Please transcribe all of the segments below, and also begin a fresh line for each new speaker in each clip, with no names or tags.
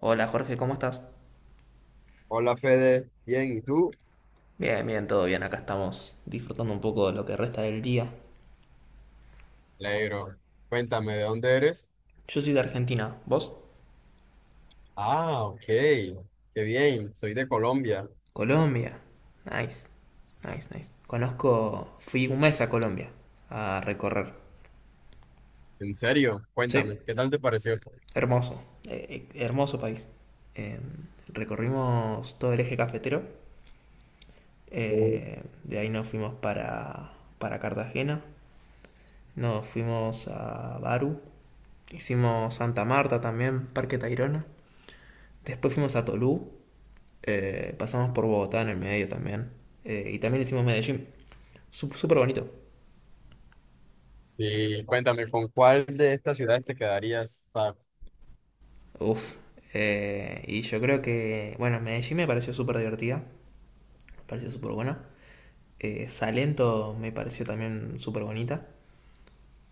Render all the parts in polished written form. Hola Jorge, ¿cómo estás?
Hola Fede, bien, ¿y tú?
Bien, bien, todo bien, acá estamos disfrutando un poco de lo que resta del día.
Alegro. Cuéntame, ¿de dónde eres?
Yo soy de Argentina, ¿vos?
Ah, ok. Qué bien. Soy de Colombia.
Colombia. Nice, nice, nice. Conozco, fui un mes a Colombia a recorrer.
¿En serio?
Sí,
Cuéntame, ¿qué tal te pareció?
hermoso, hermoso país. Eh, recorrimos todo el eje cafetero,
Uh,
de ahí nos fuimos para Cartagena, nos fuimos a Baru, hicimos Santa Marta también, Parque Tayrona, después fuimos a Tolú. Pasamos por Bogotá en el medio también. Y también hicimos Medellín. Súper bonito.
Sí, cuéntame, ¿con cuál de estas ciudades te quedarías? O sea,
Uf. Y yo creo que, bueno, Medellín me pareció súper divertida. Me pareció súper buena. Salento me pareció también súper bonita.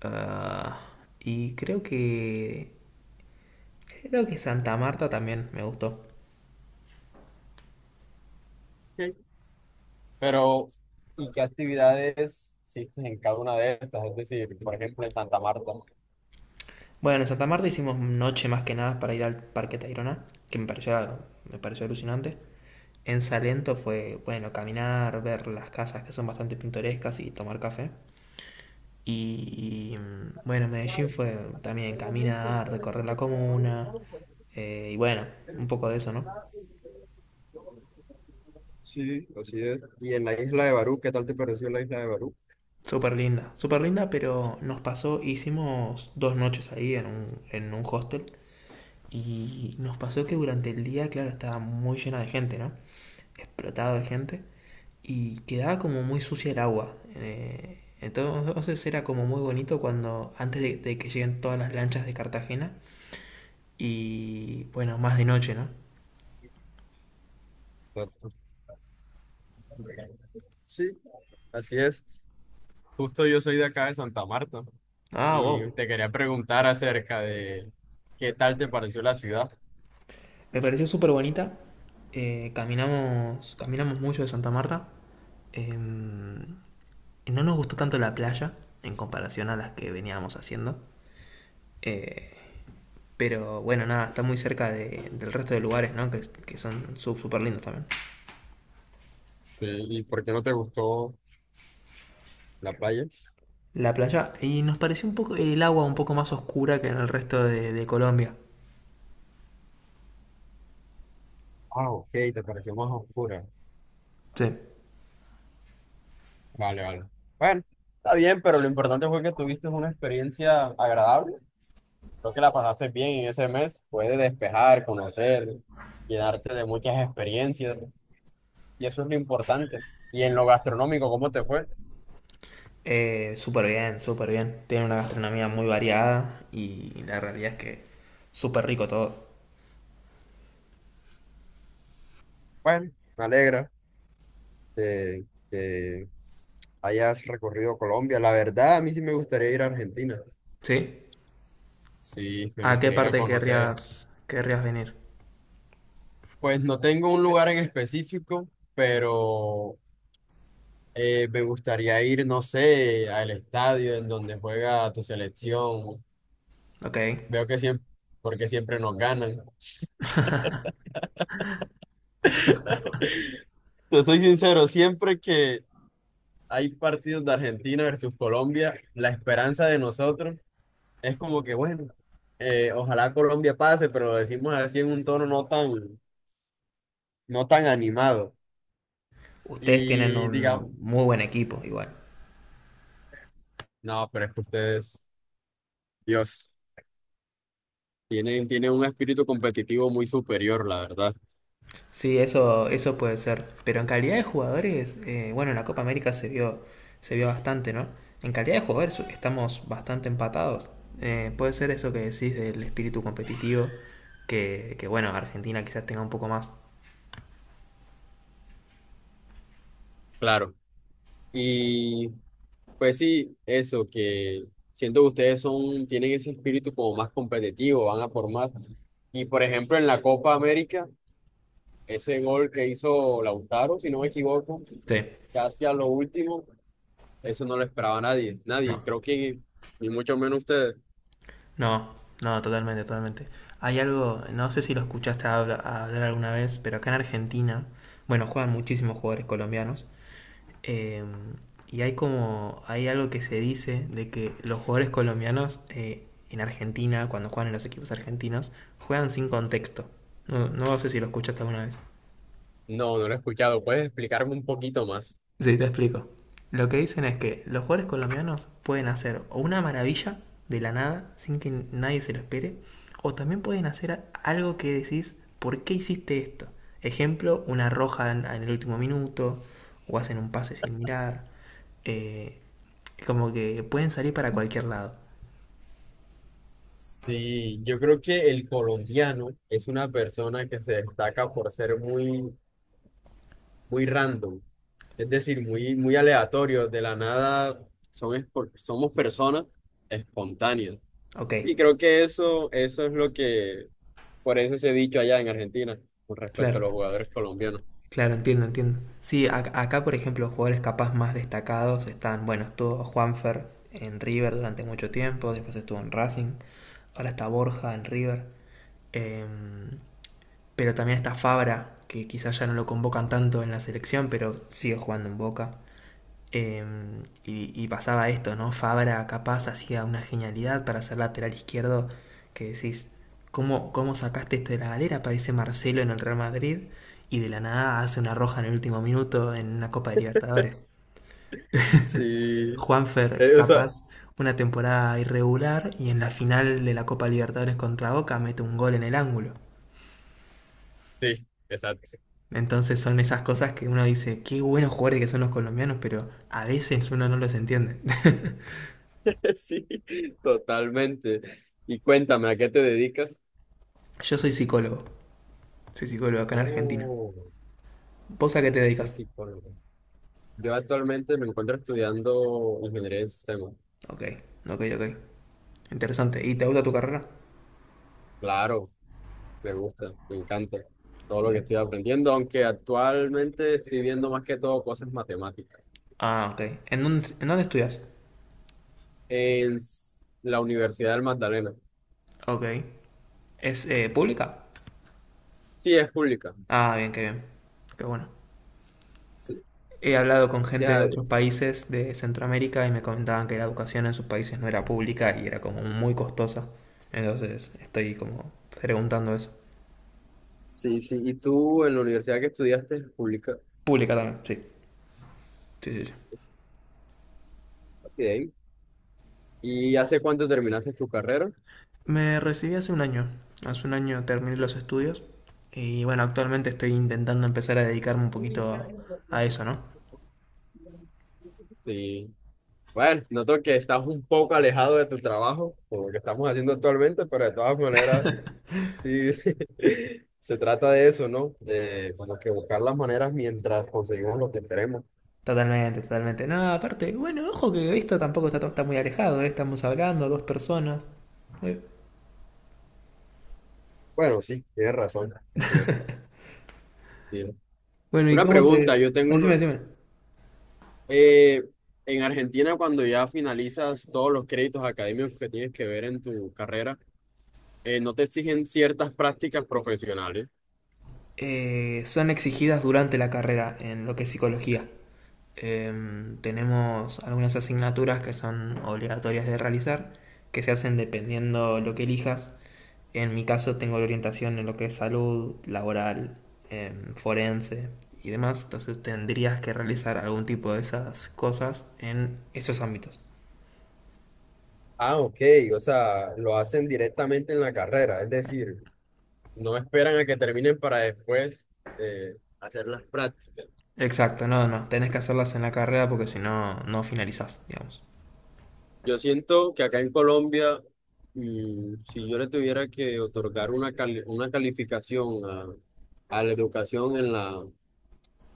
Ah, y creo creo que Santa Marta también me gustó.
ok. Pero, ¿y qué actividades hiciste en cada una de estas? Es decir, por ejemplo, en Santa Marta.
Bueno, en Santa Marta hicimos noche más que nada para ir al Parque Tayrona, que me me pareció alucinante. En Salento fue, bueno, caminar, ver las casas que son bastante pintorescas y tomar café. Y bueno, Medellín fue también caminar, recorrer la comuna. Y bueno, un poco de eso, ¿no?
Sí, así es. ¿Y en la isla de Barú, qué tal te pareció la isla de Barú?
Súper linda, pero nos pasó, hicimos 2 noches ahí en en un hostel. Y nos pasó que durante el día, claro, estaba muy llena de gente, ¿no? Explotado de gente y quedaba como muy sucia el agua. Entonces era como muy bonito cuando antes de que lleguen todas las lanchas de Cartagena y bueno, más de noche, ¿no?
Exacto. Sí, así es. Justo yo soy de acá de Santa Marta
Ah,
y
wow.
te quería preguntar acerca de qué tal te pareció la ciudad
Me pareció súper bonita. Caminamos, caminamos mucho de Santa Marta. Em, y no nos gustó tanto la playa en comparación a las que veníamos haciendo. Eh, pero bueno, nada, está muy cerca del resto de lugares, ¿no? Que son súper lindos también.
y por qué no te gustó la playa.
La playa y nos pareció un poco el agua un poco más oscura que en el resto de Colombia.
Ah, ok, te pareció más oscura.
Sí.
Vale, vale. Bueno, está bien, pero lo importante fue que tuviste una experiencia agradable. Creo que la pasaste bien en ese mes. Puedes despejar, conocer, llenarte de muchas experiencias y eso es lo importante. Y en lo gastronómico, ¿cómo te fue?
Súper bien, súper bien. Tiene una gastronomía muy variada y la realidad es que súper rico todo.
Bueno, me alegra que, que hayas recorrido Colombia. La verdad, a mí sí me gustaría ir a Argentina.
¿Sí?
Sí, me
¿A qué
gustaría ir a
parte
conocer.
querrías venir?
Pues no tengo un lugar en específico, pero me gustaría ir, no sé, al estadio en donde juega tu selección.
Ok.
Veo que siempre, porque siempre nos ganan. Te soy sincero, siempre que hay partidos de Argentina versus Colombia, la esperanza de nosotros es como que, bueno, ojalá Colombia pase, pero lo decimos así en un tono no tan, no tan animado.
Ustedes tienen
Y digamos,
un muy buen equipo, igual.
no, pero es que ustedes, Dios, tienen un espíritu competitivo muy superior, la verdad.
Sí, eso puede ser. Pero en calidad de jugadores, bueno, en la Copa América se se vio bastante, ¿no? En calidad de jugadores estamos bastante empatados. Puede ser eso que decís del espíritu competitivo, que bueno, Argentina quizás tenga un poco más.
Claro. Y pues sí, eso, que siento que ustedes son, tienen ese espíritu como más competitivo, van a formar. Y por ejemplo, en la Copa América, ese gol que hizo Lautaro, si no me equivoco,
Sí,
casi a lo último, eso no lo esperaba nadie,
no,
nadie, creo que ni mucho menos ustedes.
no, no, totalmente, totalmente. Hay algo, no sé si lo escuchaste hablar alguna vez, pero acá en Argentina, bueno, juegan muchísimos jugadores colombianos. eh, y hay como, hay algo que se dice de que los jugadores colombianos en Argentina, cuando juegan en los equipos argentinos, juegan sin contexto. No, no sé si lo escuchaste alguna vez.
No, no lo he escuchado. ¿Puedes explicarme un poquito más?
Sí, te explico. Lo que dicen es que los jugadores colombianos pueden hacer o una maravilla de la nada sin que nadie se lo espere, o también pueden hacer algo que decís, ¿por qué hiciste esto? Ejemplo, una roja en el último minuto, o hacen un pase sin mirar. eh, Como que pueden salir para cualquier lado.
Sí, yo creo que el colombiano es una persona que se destaca por ser muy, muy random, es decir, muy, muy aleatorio, de la nada son, somos personas espontáneas.
Ok,
Y creo que eso es lo que, por eso se ha dicho allá en Argentina con respecto a
claro.
los jugadores colombianos.
Claro, entiendo, entiendo. Sí, acá, por ejemplo, jugadores capaz más destacados están, bueno, estuvo Juanfer en River durante mucho tiempo, después estuvo en Racing, ahora está Borja en River, eh, pero también está Fabra, que quizás ya no lo convocan tanto en la selección, pero sigue jugando en Boca. Eh, y pasaba esto, ¿no? Fabra capaz hacía una genialidad para ser lateral izquierdo, que decís, cómo sacaste esto de la galera? Aparece Marcelo en el Real Madrid y de la nada hace una roja en el último minuto en una Copa de Libertadores.
Sí,
Juanfer,
o sea,
capaz, una temporada irregular y en la final de la Copa Libertadores contra Boca mete un gol en el ángulo.
sí, exacto.
Entonces son esas cosas que uno dice, qué buenos jugadores que son los colombianos, pero a veces uno no los entiende.
Sí, totalmente. Y cuéntame, ¿a qué te dedicas?
Yo soy psicólogo. Soy psicólogo acá en Argentina.
Oh,
¿Vos a qué te
yo
dedicas?
soy psicólogo. Yo actualmente me encuentro estudiando ingeniería de sistemas.
Ok, ok, ok. Interesante. ¿Y te gusta tu carrera?
Claro, me gusta, me encanta todo lo que
Bien.
estoy aprendiendo, aunque actualmente estoy viendo más que todo cosas matemáticas
Ah, ok. ¿En en dónde estudias?
en la Universidad del Magdalena.
Ok. ¿Es pública?
Sí, es pública.
Ah, bien. Qué bueno.
Sí,
He hablado con
o
gente de
sea,
otros países de Centroamérica y me comentaban que la educación en sus países no era pública y era como muy costosa. Entonces estoy como preguntando eso.
sí, sí. ¿Y tú en la universidad que estudiaste es pública?
Pública también, sí. Sí, sí, sí.
Bien. ¿Y hace cuánto terminaste tu carrera?
Me recibí hace un año. Hace un año terminé los estudios y bueno, actualmente estoy intentando empezar a dedicarme un a eso, ¿no?
Sí. Bueno, noto que estás un poco alejado de tu trabajo, por lo que estamos haciendo actualmente, pero de todas maneras, sí, se trata de eso, ¿no? De como que buscar las maneras mientras conseguimos lo que queremos.
Totalmente, totalmente. No, aparte, bueno, ojo que esto tampoco está muy alejado, ¿eh? Estamos hablando, dos personas. Eh,
Bueno, sí, tienes razón, así es. Sí.
Bueno, ¿y
Una
cómo te...?
pregunta, yo tengo
Decime,
uno.
decime.
eh, en Argentina, cuando ya finalizas todos los créditos académicos que tienes que ver en tu carrera, ¿no te exigen ciertas prácticas profesionales?
Son exigidas durante la carrera en lo que es psicología. Tenemos algunas asignaturas que son obligatorias de realizar, que se hacen dependiendo lo que elijas. En mi caso tengo la orientación en lo que es salud, laboral, forense y demás, entonces tendrías que realizar algún tipo de esas cosas en esos ámbitos.
Ah, ok, o sea, lo hacen directamente en la carrera, es decir, no esperan a que terminen para después hacer las prácticas.
Exacto, no, no, tenés que hacerlas en la carrera porque si no, no finalizás, digamos.
Yo siento que acá en Colombia, mm, si yo le tuviera que otorgar una, una calificación a la educación en la,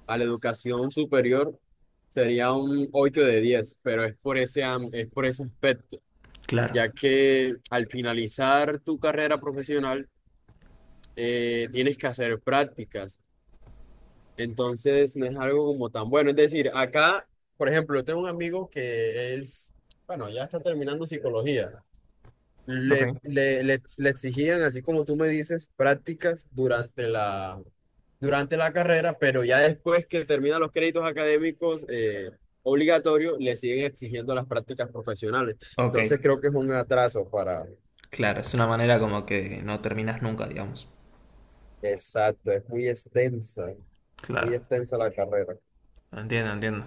a la educación superior, sería un 8 de 10, pero es por ese, es por ese aspecto,
Claro.
ya que al finalizar tu carrera profesional, tienes que hacer prácticas. Entonces no es algo como tan bueno. Es decir, acá, por ejemplo, yo tengo un amigo que es, bueno, ya está terminando psicología. Le,
Ok.
le, le, le exigían, así como tú me dices, prácticas durante la carrera, pero ya después que terminan los créditos académicos obligatorios, le siguen exigiendo las prácticas profesionales.
Ok,
Entonces creo que es un atraso para...
claro, es una manera como que no terminás nunca, digamos.
Exacto, es muy
Claro.
extensa la carrera.
Entiendo, entiendo.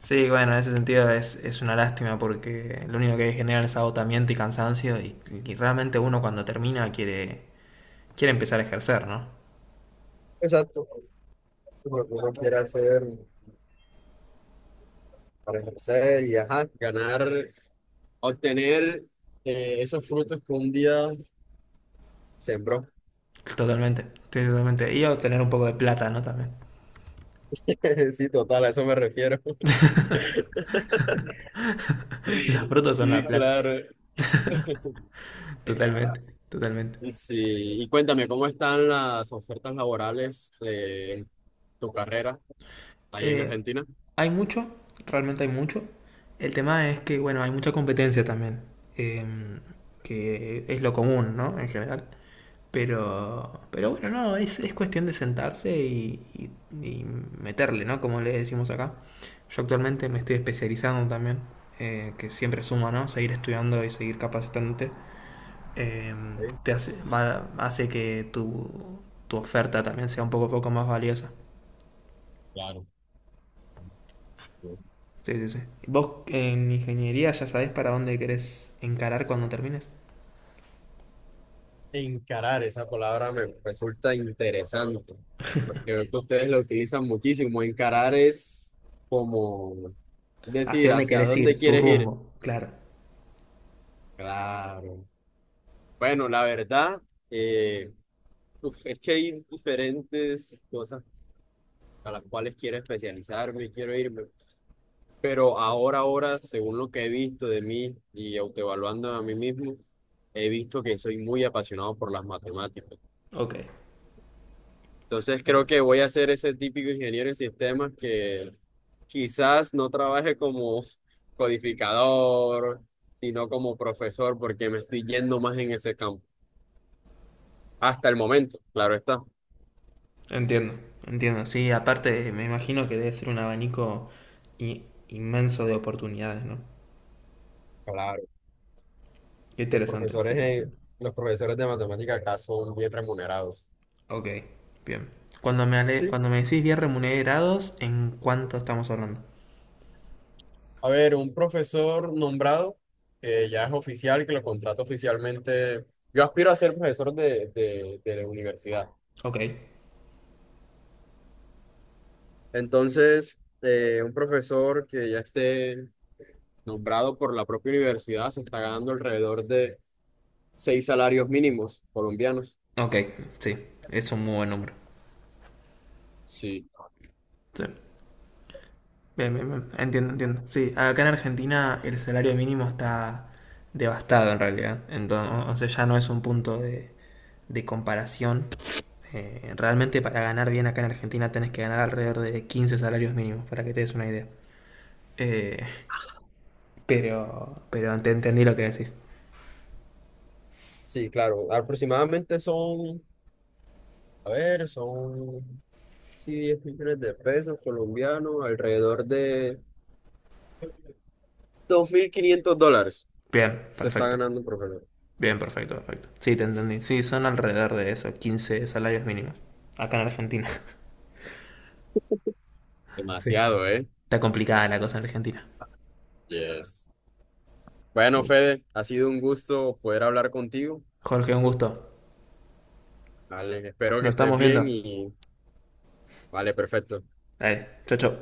Sí, bueno, en ese sentido es una lástima porque lo único que genera es agotamiento y cansancio y realmente uno cuando termina quiere empezar a ejercer, ¿no?
Exacto, lo que uno quiere hacer, para ejercer y ajá, ganar, obtener esos frutos que un día sembró.
Totalmente, sí, totalmente. Y obtener un poco de plata, ¿no? También.
Sí, total, a eso me refiero.
Los frutos son
Sí,
la plata.
claro.
Totalmente, totalmente.
Sí, y cuéntame, ¿cómo están las ofertas laborales de tu carrera allá en
Eh,
Argentina?
Hay mucho, realmente hay mucho. El tema es que, bueno, hay mucha competencia también. eh, que es lo común, ¿no? En general. Pero bueno, no, es cuestión de sentarse y meterle, ¿no? Como le decimos acá. Yo actualmente me estoy especializando también, que siempre suma, ¿no? Seguir estudiando y seguir capacitándote. eh,
Sí,
Te hace, hace que tu oferta también sea un poco más valiosa.
claro.
Sí, sí, sí. ¿Vos en ingeniería ya sabés para dónde querés encarar cuando termines?
Encarar, esa palabra me resulta interesante, porque veo que ustedes lo utilizan muchísimo. Encarar es como
¿Hacia
decir
dónde
hacia
querés
dónde
ir? Tu
quieres ir.
rumbo, claro.
Claro. Bueno, la verdad, eh, uf, es que hay diferentes cosas a las cuales quiero especializarme y quiero irme, pero ahora, ahora, según lo que he visto de mí y autoevaluando a mí mismo, he visto que soy muy apasionado por las matemáticas.
Ok,
Entonces
ok.
creo que voy a ser ese típico ingeniero en sistemas que quizás no trabaje como codificador, sino como profesor, porque me estoy yendo más en ese campo. Hasta el momento, claro está.
Entiendo, entiendo. Sí, aparte me imagino que debe ser un abanico inmenso de oportunidades, ¿no?
Claro.
Qué
Los
interesante, qué
profesores, eh,
interesante.
los profesores de matemática acá son bien remunerados.
Ok, bien. Cuando me,
Sí.
cuando me decís bien remunerados, ¿en cuánto estamos hablando?
A ver, un profesor nombrado, que ya es oficial, que lo contrata oficialmente. Yo aspiro a ser profesor de la universidad.
Ok.
Entonces, un profesor que ya esté nombrado por la propia universidad se está ganando alrededor de 6 salarios mínimos colombianos.
Ok, sí, es un muy buen número.
Sí,
Sí. Bien, bien, bien. Entiendo, entiendo. Sí, acá en Argentina el salario mínimo está devastado en realidad. Entonces, o sea, ya no es un punto de comparación. Realmente para ganar bien acá en Argentina tenés que ganar alrededor de 15 salarios mínimos, para que te des una idea. Eh, pero pero te entendí lo que decís.
sí, claro. Aproximadamente son, a ver, son sí, 10 millones de pesos colombianos, alrededor de 2500 dólares
Bien,
se está
perfecto.
ganando un profesor.
Bien, perfecto, perfecto. Sí, te entendí. Sí, son alrededor de eso, 15 salarios mínimos. Acá en Argentina. Sí.
Demasiado, ¿eh?
Está complicada la cosa en Argentina.
Yes. Bueno, Fede, ha sido un gusto poder hablar contigo.
Jorge, un gusto.
Vale, espero
Nos
que estés
estamos viendo.
bien y vale, perfecto.
Dale, chau, chau.